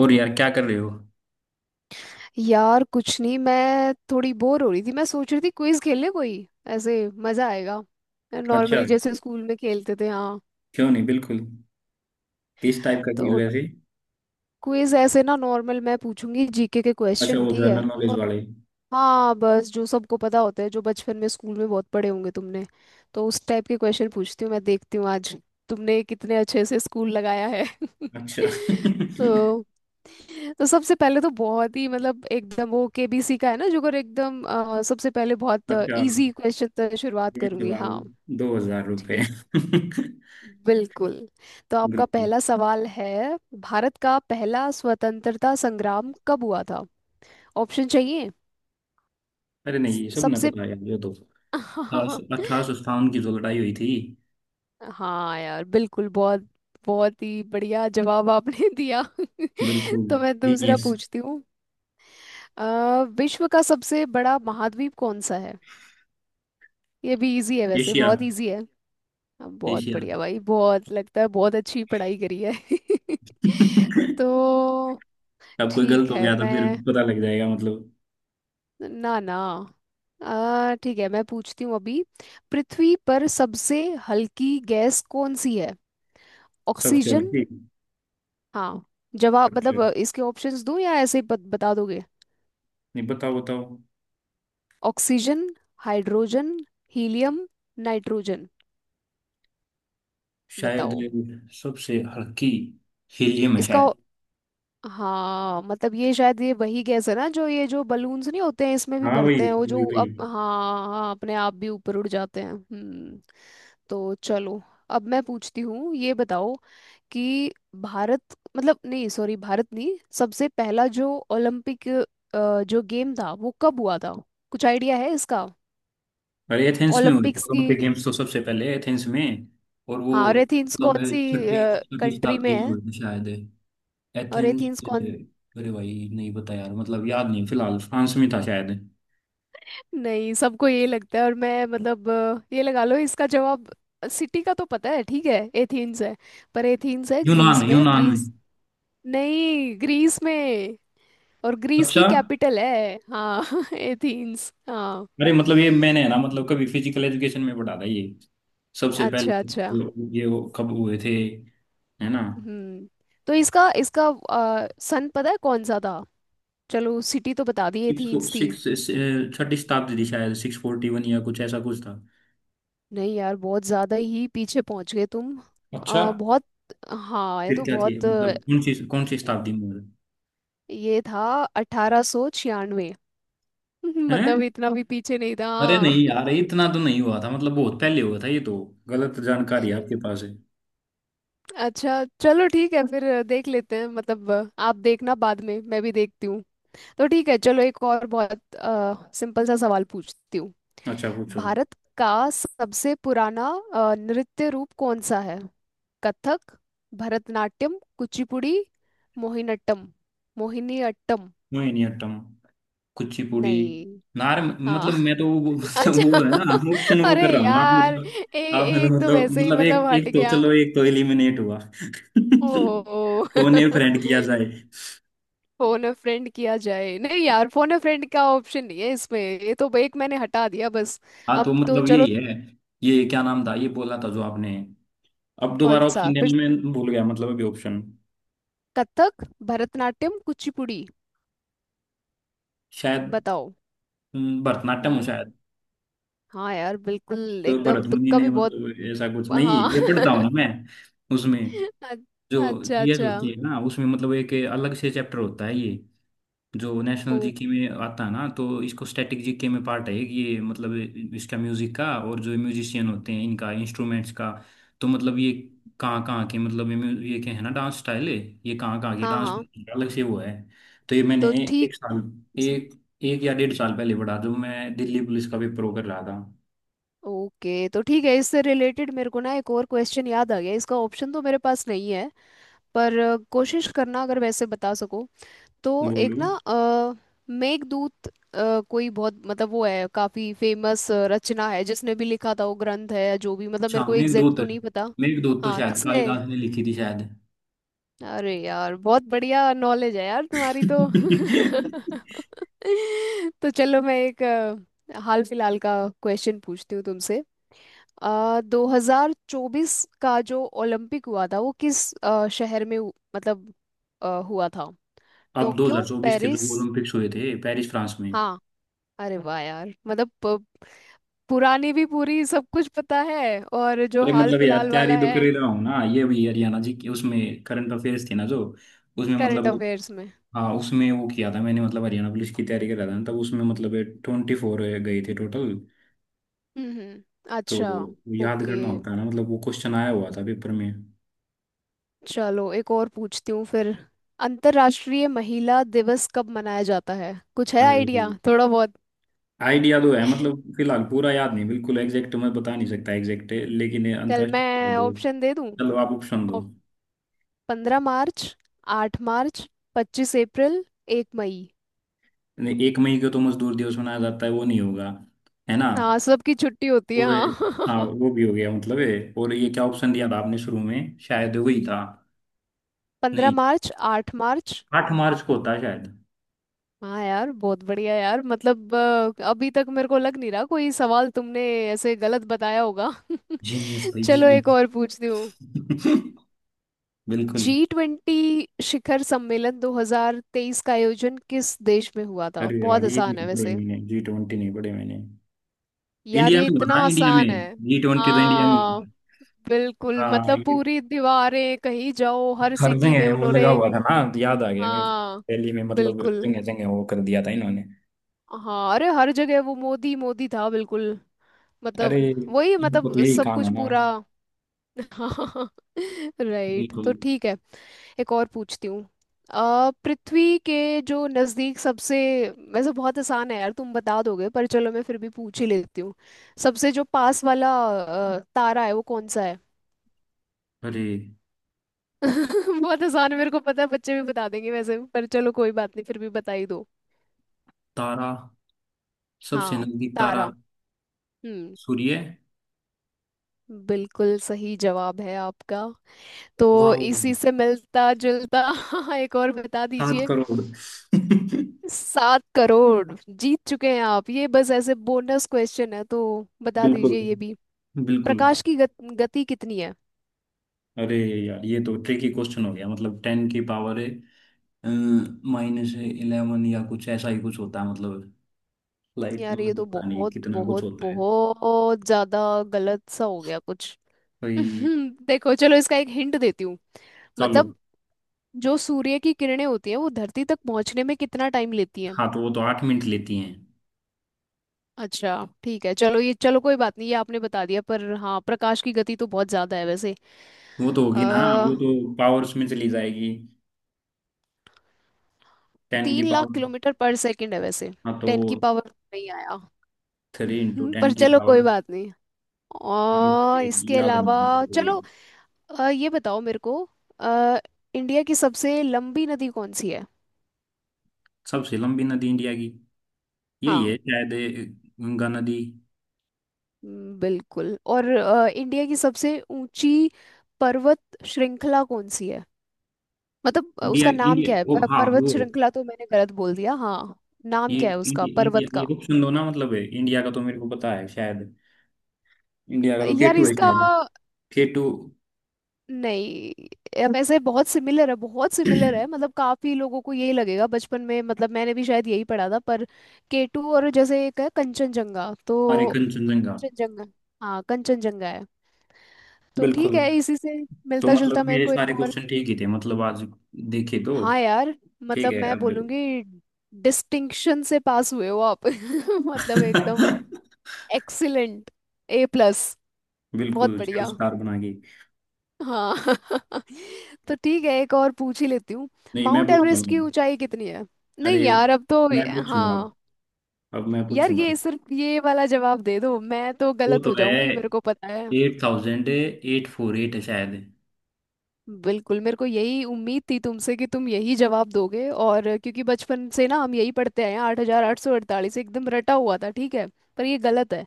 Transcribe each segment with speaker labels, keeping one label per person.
Speaker 1: और यार क्या कर रहे हो?
Speaker 2: यार कुछ नहीं। मैं थोड़ी बोर हो रही थी। मैं सोच रही थी क्विज खेल ले कोई ऐसे। मजा आएगा।
Speaker 1: अच्छा,
Speaker 2: नॉर्मली जैसे स्कूल में खेलते थे। हाँ।
Speaker 1: क्यों नहीं, बिल्कुल। किस टाइप का चीज
Speaker 2: तो
Speaker 1: वैसे?
Speaker 2: क्विज ऐसे ना, नॉर्मल। मैं पूछूंगी जीके के
Speaker 1: अच्छा,
Speaker 2: क्वेश्चन,
Speaker 1: वो
Speaker 2: ठीक
Speaker 1: जनरल नॉलेज
Speaker 2: है।
Speaker 1: वाले।
Speaker 2: हाँ, बस जो सबको पता होता है, जो बचपन में स्कूल में बहुत पढ़े होंगे तुमने। तो उस टाइप के क्वेश्चन पूछती हूँ। मैं देखती हूँ आज तुमने कितने अच्छे से स्कूल लगाया है।
Speaker 1: अच्छा।
Speaker 2: तो तो सबसे पहले तो बहुत ही मतलब एकदम वो केबीसी का है ना। जो अगर एकदम सबसे पहले बहुत
Speaker 1: अच्छा,
Speaker 2: इजी क्वेश्चन से शुरुआत
Speaker 1: ये
Speaker 2: करूंगी।
Speaker 1: सवाल
Speaker 2: हाँ।
Speaker 1: दो हजार रुपये।
Speaker 2: ठीक। बिल्कुल। तो आपका
Speaker 1: बिल्कुल।
Speaker 2: पहला सवाल है। भारत का पहला स्वतंत्रता संग्राम कब हुआ था? ऑप्शन चाहिए?
Speaker 1: अरे नहीं, ये सब ने
Speaker 2: सबसे।
Speaker 1: पता है यार, ये तो
Speaker 2: हाँ।
Speaker 1: 1857 की जो लड़ाई हुई थी।
Speaker 2: हाँ यार बिल्कुल, बहुत बहुत ही बढ़िया जवाब आपने दिया।
Speaker 1: बिल्कुल।
Speaker 2: तो मैं दूसरा
Speaker 1: जीनियस।
Speaker 2: पूछती हूँ। विश्व का सबसे बड़ा महाद्वीप कौन सा है? ये भी इजी है वैसे,
Speaker 1: एशिया।
Speaker 2: बहुत इजी है। बहुत
Speaker 1: एशिया।
Speaker 2: बढ़िया भाई, बहुत लगता है बहुत अच्छी पढ़ाई करी है। तो
Speaker 1: अब कोई गलत
Speaker 2: ठीक
Speaker 1: हो
Speaker 2: है
Speaker 1: गया तो फिर
Speaker 2: मैं,
Speaker 1: पता लग जाएगा मतलब।
Speaker 2: ना ना, ठीक है मैं पूछती हूँ अभी। पृथ्वी पर सबसे हल्की गैस कौन सी है?
Speaker 1: सब चल
Speaker 2: ऑक्सीजन?
Speaker 1: ठीक।
Speaker 2: हाँ। जवाब
Speaker 1: अच्छा,
Speaker 2: मतलब इसके ऑप्शंस दूं या ऐसे ही बता दोगे?
Speaker 1: नहीं बताओ बताओ।
Speaker 2: Oxygen, hydrogen, helium, nitrogen.
Speaker 1: शायद
Speaker 2: बताओ।
Speaker 1: सबसे हल्की हीलियम है।
Speaker 2: इसका ओ- हाँ मतलब ये शायद ये वही गैस है ना, जो ये, जो बलून्स नहीं होते हैं इसमें भी
Speaker 1: हाँ वही।
Speaker 2: भरते हैं वो, जो
Speaker 1: वही।
Speaker 2: हाँ हाँ अपने आप भी ऊपर उड़ जाते हैं। तो चलो, अब मैं पूछती हूँ, ये बताओ कि भारत मतलब नहीं, सॉरी भारत नहीं, सबसे पहला जो ओलंपिक जो गेम था वो कब हुआ था? कुछ आइडिया है इसका?
Speaker 1: और एथेंस में हुए थे
Speaker 2: ओलंपिक्स की।
Speaker 1: ओलंपिक गेम्स, तो सबसे पहले एथेंस में। और वो
Speaker 2: हाँ और एथेंस
Speaker 1: मतलब
Speaker 2: कौन सी
Speaker 1: छठी छठी
Speaker 2: कंट्री में
Speaker 1: शताब्दी में
Speaker 2: है?
Speaker 1: हुए थे शायद।
Speaker 2: और
Speaker 1: एथेंस।
Speaker 2: एथेंस कौन?
Speaker 1: अरे भाई नहीं पता यार, मतलब याद नहीं फिलहाल, फ्रांस में था शायद।
Speaker 2: नहीं सबको ये लगता है, और मैं मतलब ये लगा लो इसका जवाब। सिटी का तो पता है, ठीक है, एथेंस है। पर एथेंस है
Speaker 1: यूनान,
Speaker 2: ग्रीस में।
Speaker 1: यूनान में।
Speaker 2: ग्रीस, नहीं ग्रीस में। और ग्रीस की
Speaker 1: अच्छा।
Speaker 2: कैपिटल है, हाँ एथेंस, हाँ।
Speaker 1: अरे मतलब ये मैंने है ना, मतलब कभी फिजिकल एजुकेशन में पढ़ा था ये। सबसे
Speaker 2: अच्छा
Speaker 1: पहले
Speaker 2: अच्छा।
Speaker 1: ये वो कब हुए थे, है ना।
Speaker 2: हम्म। तो इसका इसका सन पता है कौन सा था? चलो सिटी तो बता दी,
Speaker 1: सिक्स।
Speaker 2: एथेंस थी।
Speaker 1: सिक्स। छठी शताब्दी थी शायद, 641 या कुछ ऐसा कुछ था।
Speaker 2: नहीं यार बहुत ज्यादा ही पीछे पहुंच गए तुम।
Speaker 1: अच्छा,
Speaker 2: आ, बहुत। हाँ ये
Speaker 1: फिर
Speaker 2: तो
Speaker 1: क्या थी
Speaker 2: बहुत
Speaker 1: मतलब कौन सी शताब्दी में हुआ था?
Speaker 2: ये था 1896।
Speaker 1: हैं?
Speaker 2: मतलब इतना भी पीछे नहीं था,
Speaker 1: अरे नहीं
Speaker 2: हाँ।
Speaker 1: यार, इतना तो नहीं हुआ था, मतलब बहुत पहले हुआ था ये तो। गलत जानकारी आपके पास है।
Speaker 2: अच्छा चलो ठीक है फिर देख लेते हैं मतलब आप देखना बाद में, मैं भी देखती हूँ। तो ठीक है चलो एक और बहुत सिंपल सा सवाल पूछती हूँ।
Speaker 1: अच्छा पूछो।
Speaker 2: भारत का सबसे पुराना नृत्य रूप कौन सा है? कथक, भरतनाट्यम, कुचिपुड़ी, मोहिनीअट्टम। मोहिनीअट्टम?
Speaker 1: मोहिनीअट्टम। कुचिपुड़ी।
Speaker 2: नहीं।
Speaker 1: नार
Speaker 2: हाँ।
Speaker 1: मतलब मैं तो वो, मतलब
Speaker 2: अच्छा।
Speaker 1: वो है ना ऑप्शन वो
Speaker 2: अरे
Speaker 1: कर रहा हूँ आप
Speaker 2: यार
Speaker 1: मतलब। आपने तो
Speaker 2: एक तो
Speaker 1: मतलब
Speaker 2: वैसे ही
Speaker 1: मतलब
Speaker 2: मतलब
Speaker 1: एक,
Speaker 2: हट
Speaker 1: एक तो
Speaker 2: गया।
Speaker 1: चलो एक तो एलिमिनेट हुआ।
Speaker 2: ओहो।
Speaker 1: टोने फ्रेंड किया जाए।
Speaker 2: फोन अ फ्रेंड किया जाए? नहीं यार, फोन अ फ्रेंड का ऑप्शन नहीं है इसमें। ये तो एक मैंने हटा दिया बस।
Speaker 1: हाँ,
Speaker 2: अब
Speaker 1: तो
Speaker 2: तो
Speaker 1: मतलब
Speaker 2: चलो,
Speaker 1: यही है। ये क्या नाम था ये बोला था जो आपने? अब
Speaker 2: कौन
Speaker 1: दोबारा
Speaker 2: सा
Speaker 1: ऑप्शन
Speaker 2: फिर?
Speaker 1: देने में भूल गया, मतलब अभी ऑप्शन।
Speaker 2: कथक, भरतनाट्यम, कुचिपुड़ी।
Speaker 1: शायद।
Speaker 2: बताओ।
Speaker 1: भरतनाट्यम हूँ
Speaker 2: हम्म।
Speaker 1: शायद।
Speaker 2: हाँ यार बिल्कुल,
Speaker 1: तो
Speaker 2: एकदम
Speaker 1: भरत मुनि
Speaker 2: तुक्का
Speaker 1: ने,
Speaker 2: भी बहुत।
Speaker 1: मतलब ऐसा कुछ नहीं,
Speaker 2: हाँ।
Speaker 1: ये पढ़ता हूँ ना मैं उसमें।
Speaker 2: अ-
Speaker 1: जो
Speaker 2: अच्छा
Speaker 1: जीएस
Speaker 2: अच्छा।
Speaker 1: होती है ना, उसमें मतलब एक अलग से चैप्टर होता है ये, जो
Speaker 2: ओ
Speaker 1: नेशनल जीके में आता है ना, तो इसको स्टैटिक जीके में पार्ट है कि ये मतलब इसका, म्यूजिक का, और जो म्यूजिशियन होते हैं इनका, इंस्ट्रूमेंट्स का। तो मतलब ये कहाँ कहाँ के, मतलब ये ये क्या है ना, डांस स्टाइल है, ये कहाँ कहाँ के
Speaker 2: हाँ
Speaker 1: डांस,
Speaker 2: हाँ,
Speaker 1: अलग से वो है। तो ये मैंने
Speaker 2: तो ठीक।
Speaker 1: एक साल, एक, एक या डेढ़ साल पहले पढ़ा, जो मैं दिल्ली पुलिस का पेपर वो कर रहा था।
Speaker 2: ओके, तो ठीक है, इससे रिलेटेड मेरे को ना एक और क्वेश्चन याद आ गया। इसका ऑप्शन तो मेरे पास नहीं है पर कोशिश करना अगर वैसे बता सको। तो एक ना
Speaker 1: बोलो।
Speaker 2: मेघदूत कोई बहुत मतलब वो है, काफी फेमस रचना है, जिसने भी लिखा था वो ग्रंथ है जो भी, मतलब मेरे
Speaker 1: अच्छा,
Speaker 2: को एग्जैक्ट
Speaker 1: मेघदूत।
Speaker 2: तो नहीं पता।
Speaker 1: मेघदूत तो
Speaker 2: हाँ
Speaker 1: शायद
Speaker 2: किसने?
Speaker 1: कालिदास ने लिखी थी शायद।
Speaker 2: अरे यार बहुत बढ़िया नॉलेज है यार तुम्हारी तो। तो चलो मैं एक हाल फिलहाल का क्वेश्चन पूछती हूँ तुमसे। आ, 2024 का जो ओलंपिक हुआ था वो किस शहर में मतलब हुआ था?
Speaker 1: अब
Speaker 2: टोक्यो,
Speaker 1: 2024 के
Speaker 2: पेरिस?
Speaker 1: जो ओलंपिक्स हुए थे पेरिस, फ्रांस में।
Speaker 2: हाँ। अरे वाह यार, मतलब पुरानी भी पूरी सब कुछ पता है। और जो
Speaker 1: अरे
Speaker 2: हाल
Speaker 1: मतलब यार
Speaker 2: फिलहाल
Speaker 1: तैयारी
Speaker 2: वाला
Speaker 1: तो
Speaker 2: है?
Speaker 1: कर ही रहा हूँ ना, ये भी हरियाणा जी की उसमें करंट अफेयर्स थी ना, जो उसमें
Speaker 2: करंट
Speaker 1: मतलब,
Speaker 2: अफेयर्स में?
Speaker 1: हाँ उसमें वो किया था मैंने, मतलब हरियाणा पुलिस की तैयारी कर रहा था ना, तब उसमें मतलब 24 गए थे टोटल।
Speaker 2: हम्म।
Speaker 1: तो
Speaker 2: अच्छा।
Speaker 1: याद
Speaker 2: ओके,
Speaker 1: करना होता है ना, मतलब वो क्वेश्चन आया हुआ था पेपर में।
Speaker 2: चलो एक और पूछती हूँ फिर। अंतर्राष्ट्रीय महिला दिवस कब मनाया जाता है? कुछ है
Speaker 1: अरे,
Speaker 2: आइडिया थोड़ा बहुत?
Speaker 1: आइडिया तो है मतलब, फिलहाल पूरा याद नहीं बिल्कुल, एग्जैक्ट मैं बता नहीं सकता एग्जैक्ट, लेकिन ये
Speaker 2: चल
Speaker 1: अंतर्राष्ट्रीय श्रम
Speaker 2: मैं
Speaker 1: दिवस।
Speaker 2: ऑप्शन दे दूँ।
Speaker 1: चलो आप ऑप्शन दो।
Speaker 2: 15 मार्च, 8 मार्च, 25 अप्रैल, 1 मई।
Speaker 1: नहीं, 1 मई को तो मजदूर दिवस मनाया जाता है, वो नहीं होगा, है ना।
Speaker 2: हाँ सबकी छुट्टी होती है,
Speaker 1: और हाँ
Speaker 2: हाँ।
Speaker 1: वो भी हो गया मतलब है, और ये क्या ऑप्शन दिया था आपने शुरू में, शायद वही था।
Speaker 2: पंद्रह
Speaker 1: नहीं,
Speaker 2: मार्च आठ मार्च
Speaker 1: 8 मार्च को होता है शायद।
Speaker 2: हाँ यार बहुत बढ़िया यार, मतलब अभी तक मेरे को लग नहीं रहा कोई सवाल तुमने ऐसे गलत बताया होगा।
Speaker 1: जीनियस भाई
Speaker 2: चलो एक
Speaker 1: जीनियस।
Speaker 2: और पूछती हूँ।
Speaker 1: बिल्कुल।
Speaker 2: G20 शिखर सम्मेलन 2023 का आयोजन किस देश में हुआ था?
Speaker 1: अरे
Speaker 2: बहुत
Speaker 1: यार ये
Speaker 2: आसान है
Speaker 1: नहीं पढ़े
Speaker 2: वैसे।
Speaker 1: मैंने, G20 नहीं पढ़े मैंने।
Speaker 2: यार
Speaker 1: इंडिया
Speaker 2: ये
Speaker 1: में
Speaker 2: इतना
Speaker 1: होता है, इंडिया
Speaker 2: आसान
Speaker 1: में।
Speaker 2: है।
Speaker 1: जी ट्वेंटी तो इंडिया में
Speaker 2: हाँ
Speaker 1: होता है।
Speaker 2: बिल्कुल,
Speaker 1: हाँ,
Speaker 2: मतलब पूरी दीवारें, कहीं जाओ हर सिटी
Speaker 1: हरदंग
Speaker 2: में
Speaker 1: है, वो लगा
Speaker 2: उन्होंने।
Speaker 1: हुआ था ना, याद आ गया मेरे को।
Speaker 2: हाँ
Speaker 1: रैली में मतलब
Speaker 2: बिल्कुल।
Speaker 1: जगह जगह वो कर दिया था इन्होंने।
Speaker 2: हाँ अरे हर जगह वो मोदी मोदी था बिल्कुल।
Speaker 1: अरे
Speaker 2: मतलब वही
Speaker 1: इनको तो
Speaker 2: मतलब
Speaker 1: यही
Speaker 2: सब
Speaker 1: काम
Speaker 2: कुछ
Speaker 1: है ना।
Speaker 2: पूरा। हाँ। राइट, तो
Speaker 1: बिल्कुल।
Speaker 2: ठीक है, एक और पूछती हूँ। पृथ्वी के जो नज़दीक सबसे, वैसे बहुत आसान है यार, तुम बता दोगे पर चलो मैं फिर भी पूछ ही लेती हूँ। सबसे जो पास वाला तारा है वो कौन सा है?
Speaker 1: अरे
Speaker 2: बहुत आसान है, मेरे को पता है, बच्चे भी बता देंगे वैसे, पर चलो कोई बात नहीं फिर भी बता ही दो।
Speaker 1: तारा, सबसे
Speaker 2: हाँ।
Speaker 1: नजदीक तारा
Speaker 2: तारा। हम्म।
Speaker 1: सूर्य।
Speaker 2: बिल्कुल सही जवाब है आपका। तो
Speaker 1: वाह।
Speaker 2: इसी से मिलता जुलता। एक और बता
Speaker 1: सात
Speaker 2: दीजिए।
Speaker 1: करोड़
Speaker 2: 7 करोड़ जीत चुके हैं आप, ये बस ऐसे बोनस क्वेश्चन है, तो बता
Speaker 1: बिल्कुल।
Speaker 2: दीजिए ये भी।
Speaker 1: बिल्कुल।
Speaker 2: प्रकाश की गति कितनी है?
Speaker 1: अरे यार ये तो ट्रिकी क्वेश्चन हो गया, मतलब टेन की पावर है -11 या कुछ ऐसा ही कुछ होता है, मतलब लाइट,
Speaker 2: यार ये
Speaker 1: मतलब
Speaker 2: तो
Speaker 1: पता नहीं
Speaker 2: बहुत
Speaker 1: कितना कुछ
Speaker 2: बहुत
Speaker 1: होता है
Speaker 2: बहुत ज्यादा गलत सा हो गया कुछ।
Speaker 1: भाई।
Speaker 2: देखो चलो इसका एक हिंट देती हूँ।
Speaker 1: चलो।
Speaker 2: मतलब जो सूर्य की किरणें होती हैं वो धरती तक पहुंचने में कितना टाइम लेती हैं?
Speaker 1: हाँ, तो वो तो 8 मिनट लेती हैं।
Speaker 2: अच्छा ठीक है चलो, ये चलो कोई बात नहीं, ये आपने बता दिया। पर हाँ, प्रकाश की गति तो बहुत ज्यादा है वैसे।
Speaker 1: वो तो होगी ना,
Speaker 2: अ
Speaker 1: वो तो पावर उसमें चली जाएगी, टेन की
Speaker 2: 3 लाख
Speaker 1: पावर।
Speaker 2: किलोमीटर पर सेकंड है वैसे।
Speaker 1: हाँ, तो
Speaker 2: 10 की पावर नहीं आया।
Speaker 1: थ्री इंटू टेन
Speaker 2: पर
Speaker 1: की
Speaker 2: चलो कोई
Speaker 1: पावर।
Speaker 2: बात नहीं। और इसके
Speaker 1: याद
Speaker 2: अलावा
Speaker 1: नहीं मेरे को ये।
Speaker 2: चलो ये बताओ मेरे को अ, इंडिया की सबसे लंबी नदी कौन सी है?
Speaker 1: सबसे लंबी नदी इंडिया की, यही
Speaker 2: हाँ।
Speaker 1: है शायद ये, गंगा नदी।
Speaker 2: बिल्कुल। और इंडिया की सबसे ऊंची पर्वत श्रृंखला कौन सी है? मतलब
Speaker 1: इंडिया,
Speaker 2: उसका नाम
Speaker 1: इंडिया,
Speaker 2: क्या है,
Speaker 1: ओ हाँ
Speaker 2: पर्वत
Speaker 1: वो,
Speaker 2: श्रृंखला तो मैंने गलत बोल दिया, हाँ। नाम
Speaker 1: ये
Speaker 2: क्या है उसका
Speaker 1: इंडिया, इंडिया
Speaker 2: पर्वत
Speaker 1: ये
Speaker 2: का?
Speaker 1: ऑप्शन दो ना, मतलब है इंडिया का तो मेरे को पता है शायद। इंडिया का तो
Speaker 2: यार
Speaker 1: केटू है
Speaker 2: इसका
Speaker 1: शायद। केटू।
Speaker 2: नहीं, अब ऐसे बहुत सिमिलर है, बहुत सिमिलर है, मतलब काफी लोगों को यही लगेगा। बचपन में मतलब मैंने भी शायद यही पढ़ा था, पर केटू और जैसे एक है कंचनजंगा,
Speaker 1: हमारे
Speaker 2: तो
Speaker 1: कंचनजंगा।
Speaker 2: कंचनजंगा, हाँ कंचनजंगा है। तो ठीक
Speaker 1: बिल्कुल।
Speaker 2: है, इसी से
Speaker 1: तो
Speaker 2: मिलता जुलता
Speaker 1: मतलब
Speaker 2: मेरे
Speaker 1: मेरे
Speaker 2: को एक
Speaker 1: सारे
Speaker 2: और।
Speaker 1: क्वेश्चन ठीक ही थे, मतलब आज देखे तो।
Speaker 2: हाँ यार,
Speaker 1: ठीक
Speaker 2: मतलब
Speaker 1: है
Speaker 2: मैं
Speaker 1: अब।
Speaker 2: बोलूंगी डिस्टिंक्शन से पास हुए हो आप। मतलब एकदम एक्सीलेंट, A+। बहुत
Speaker 1: बिल्कुल चार
Speaker 2: बढ़िया।
Speaker 1: स्टार बनाएगी।
Speaker 2: हाँ। तो ठीक है एक और पूछ ही लेती हूँ।
Speaker 1: नहीं मैं
Speaker 2: माउंट
Speaker 1: पूछता
Speaker 2: एवरेस्ट
Speaker 1: हूँ।
Speaker 2: की ऊंचाई कितनी है? नहीं
Speaker 1: अरे
Speaker 2: यार अब तो,
Speaker 1: मैं पूछूंगा अब
Speaker 2: हाँ
Speaker 1: अब मैं
Speaker 2: यार
Speaker 1: पूछूंगा।
Speaker 2: ये सिर्फ ये वाला जवाब दे दो, मैं तो
Speaker 1: वो
Speaker 2: गलत
Speaker 1: तो
Speaker 2: हो
Speaker 1: है,
Speaker 2: जाऊंगी मेरे को पता है।
Speaker 1: 8848 है शायद।
Speaker 2: बिल्कुल, मेरे को यही उम्मीद थी तुमसे कि तुम यही जवाब दोगे, और क्योंकि बचपन से ना हम यही पढ़ते आए हैं, 8,848 एकदम रटा हुआ था, ठीक है। पर ये गलत है।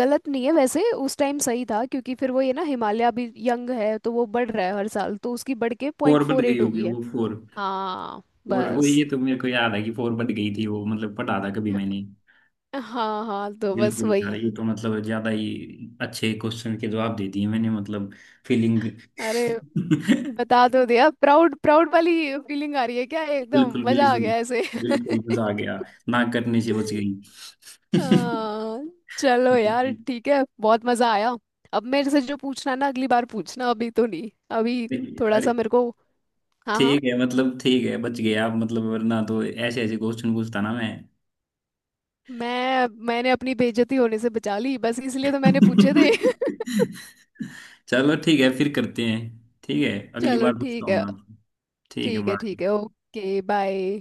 Speaker 2: गलत नहीं है वैसे, उस टाइम सही था, क्योंकि फिर वो ये ना, हिमालय अभी यंग है तो वो बढ़ रहा है हर साल, तो उसकी बढ़ के पॉइंट
Speaker 1: फोर बढ़
Speaker 2: फोर
Speaker 1: गई
Speaker 2: एट हो
Speaker 1: होगी,
Speaker 2: गई है।
Speaker 1: वो फोर।
Speaker 2: हाँ
Speaker 1: और वो,
Speaker 2: बस।
Speaker 1: ये तो मेरे को याद है कि फोर बढ़ गई थी वो, मतलब पढ़ा था कभी मैंने।
Speaker 2: हाँ हाँ, तो बस
Speaker 1: बिल्कुल यार,
Speaker 2: वही।
Speaker 1: ये तो मतलब ज्यादा ही अच्छे क्वेश्चन के जवाब दे दिए मैंने, मतलब फीलिंग।
Speaker 2: अरे बता दो, दिया प्राउड प्राउड वाली फीलिंग आ रही है क्या? एकदम
Speaker 1: बिल्कुल।
Speaker 2: मजा आ
Speaker 1: बिल्कुल।
Speaker 2: गया ऐसे।
Speaker 1: बिल्कुल मजा आ गया। ना करने से बच गई।
Speaker 2: हाँ, चलो यार
Speaker 1: देखिए।
Speaker 2: ठीक है, बहुत मजा आया। अब मेरे से जो पूछना है ना अगली बार पूछना, अभी तो नहीं, अभी थोड़ा सा
Speaker 1: अरे
Speaker 2: मेरे को। हाँ हाँ।
Speaker 1: ठीक है मतलब, ठीक है बच गए आप, मतलब वरना तो ऐसे ऐसे क्वेश्चन पूछता ना मैं।
Speaker 2: मैंने अपनी बेइज्जती होने से बचा ली, बस इसलिए तो मैंने पूछे थे।
Speaker 1: चलो ठीक है, फिर करते हैं। ठीक है, अगली
Speaker 2: चलो
Speaker 1: बार पूछता
Speaker 2: ठीक
Speaker 1: हूँ मैं
Speaker 2: है।
Speaker 1: आपको। ठीक है,
Speaker 2: ठीक है ठीक है,
Speaker 1: बाय।
Speaker 2: Okay bye.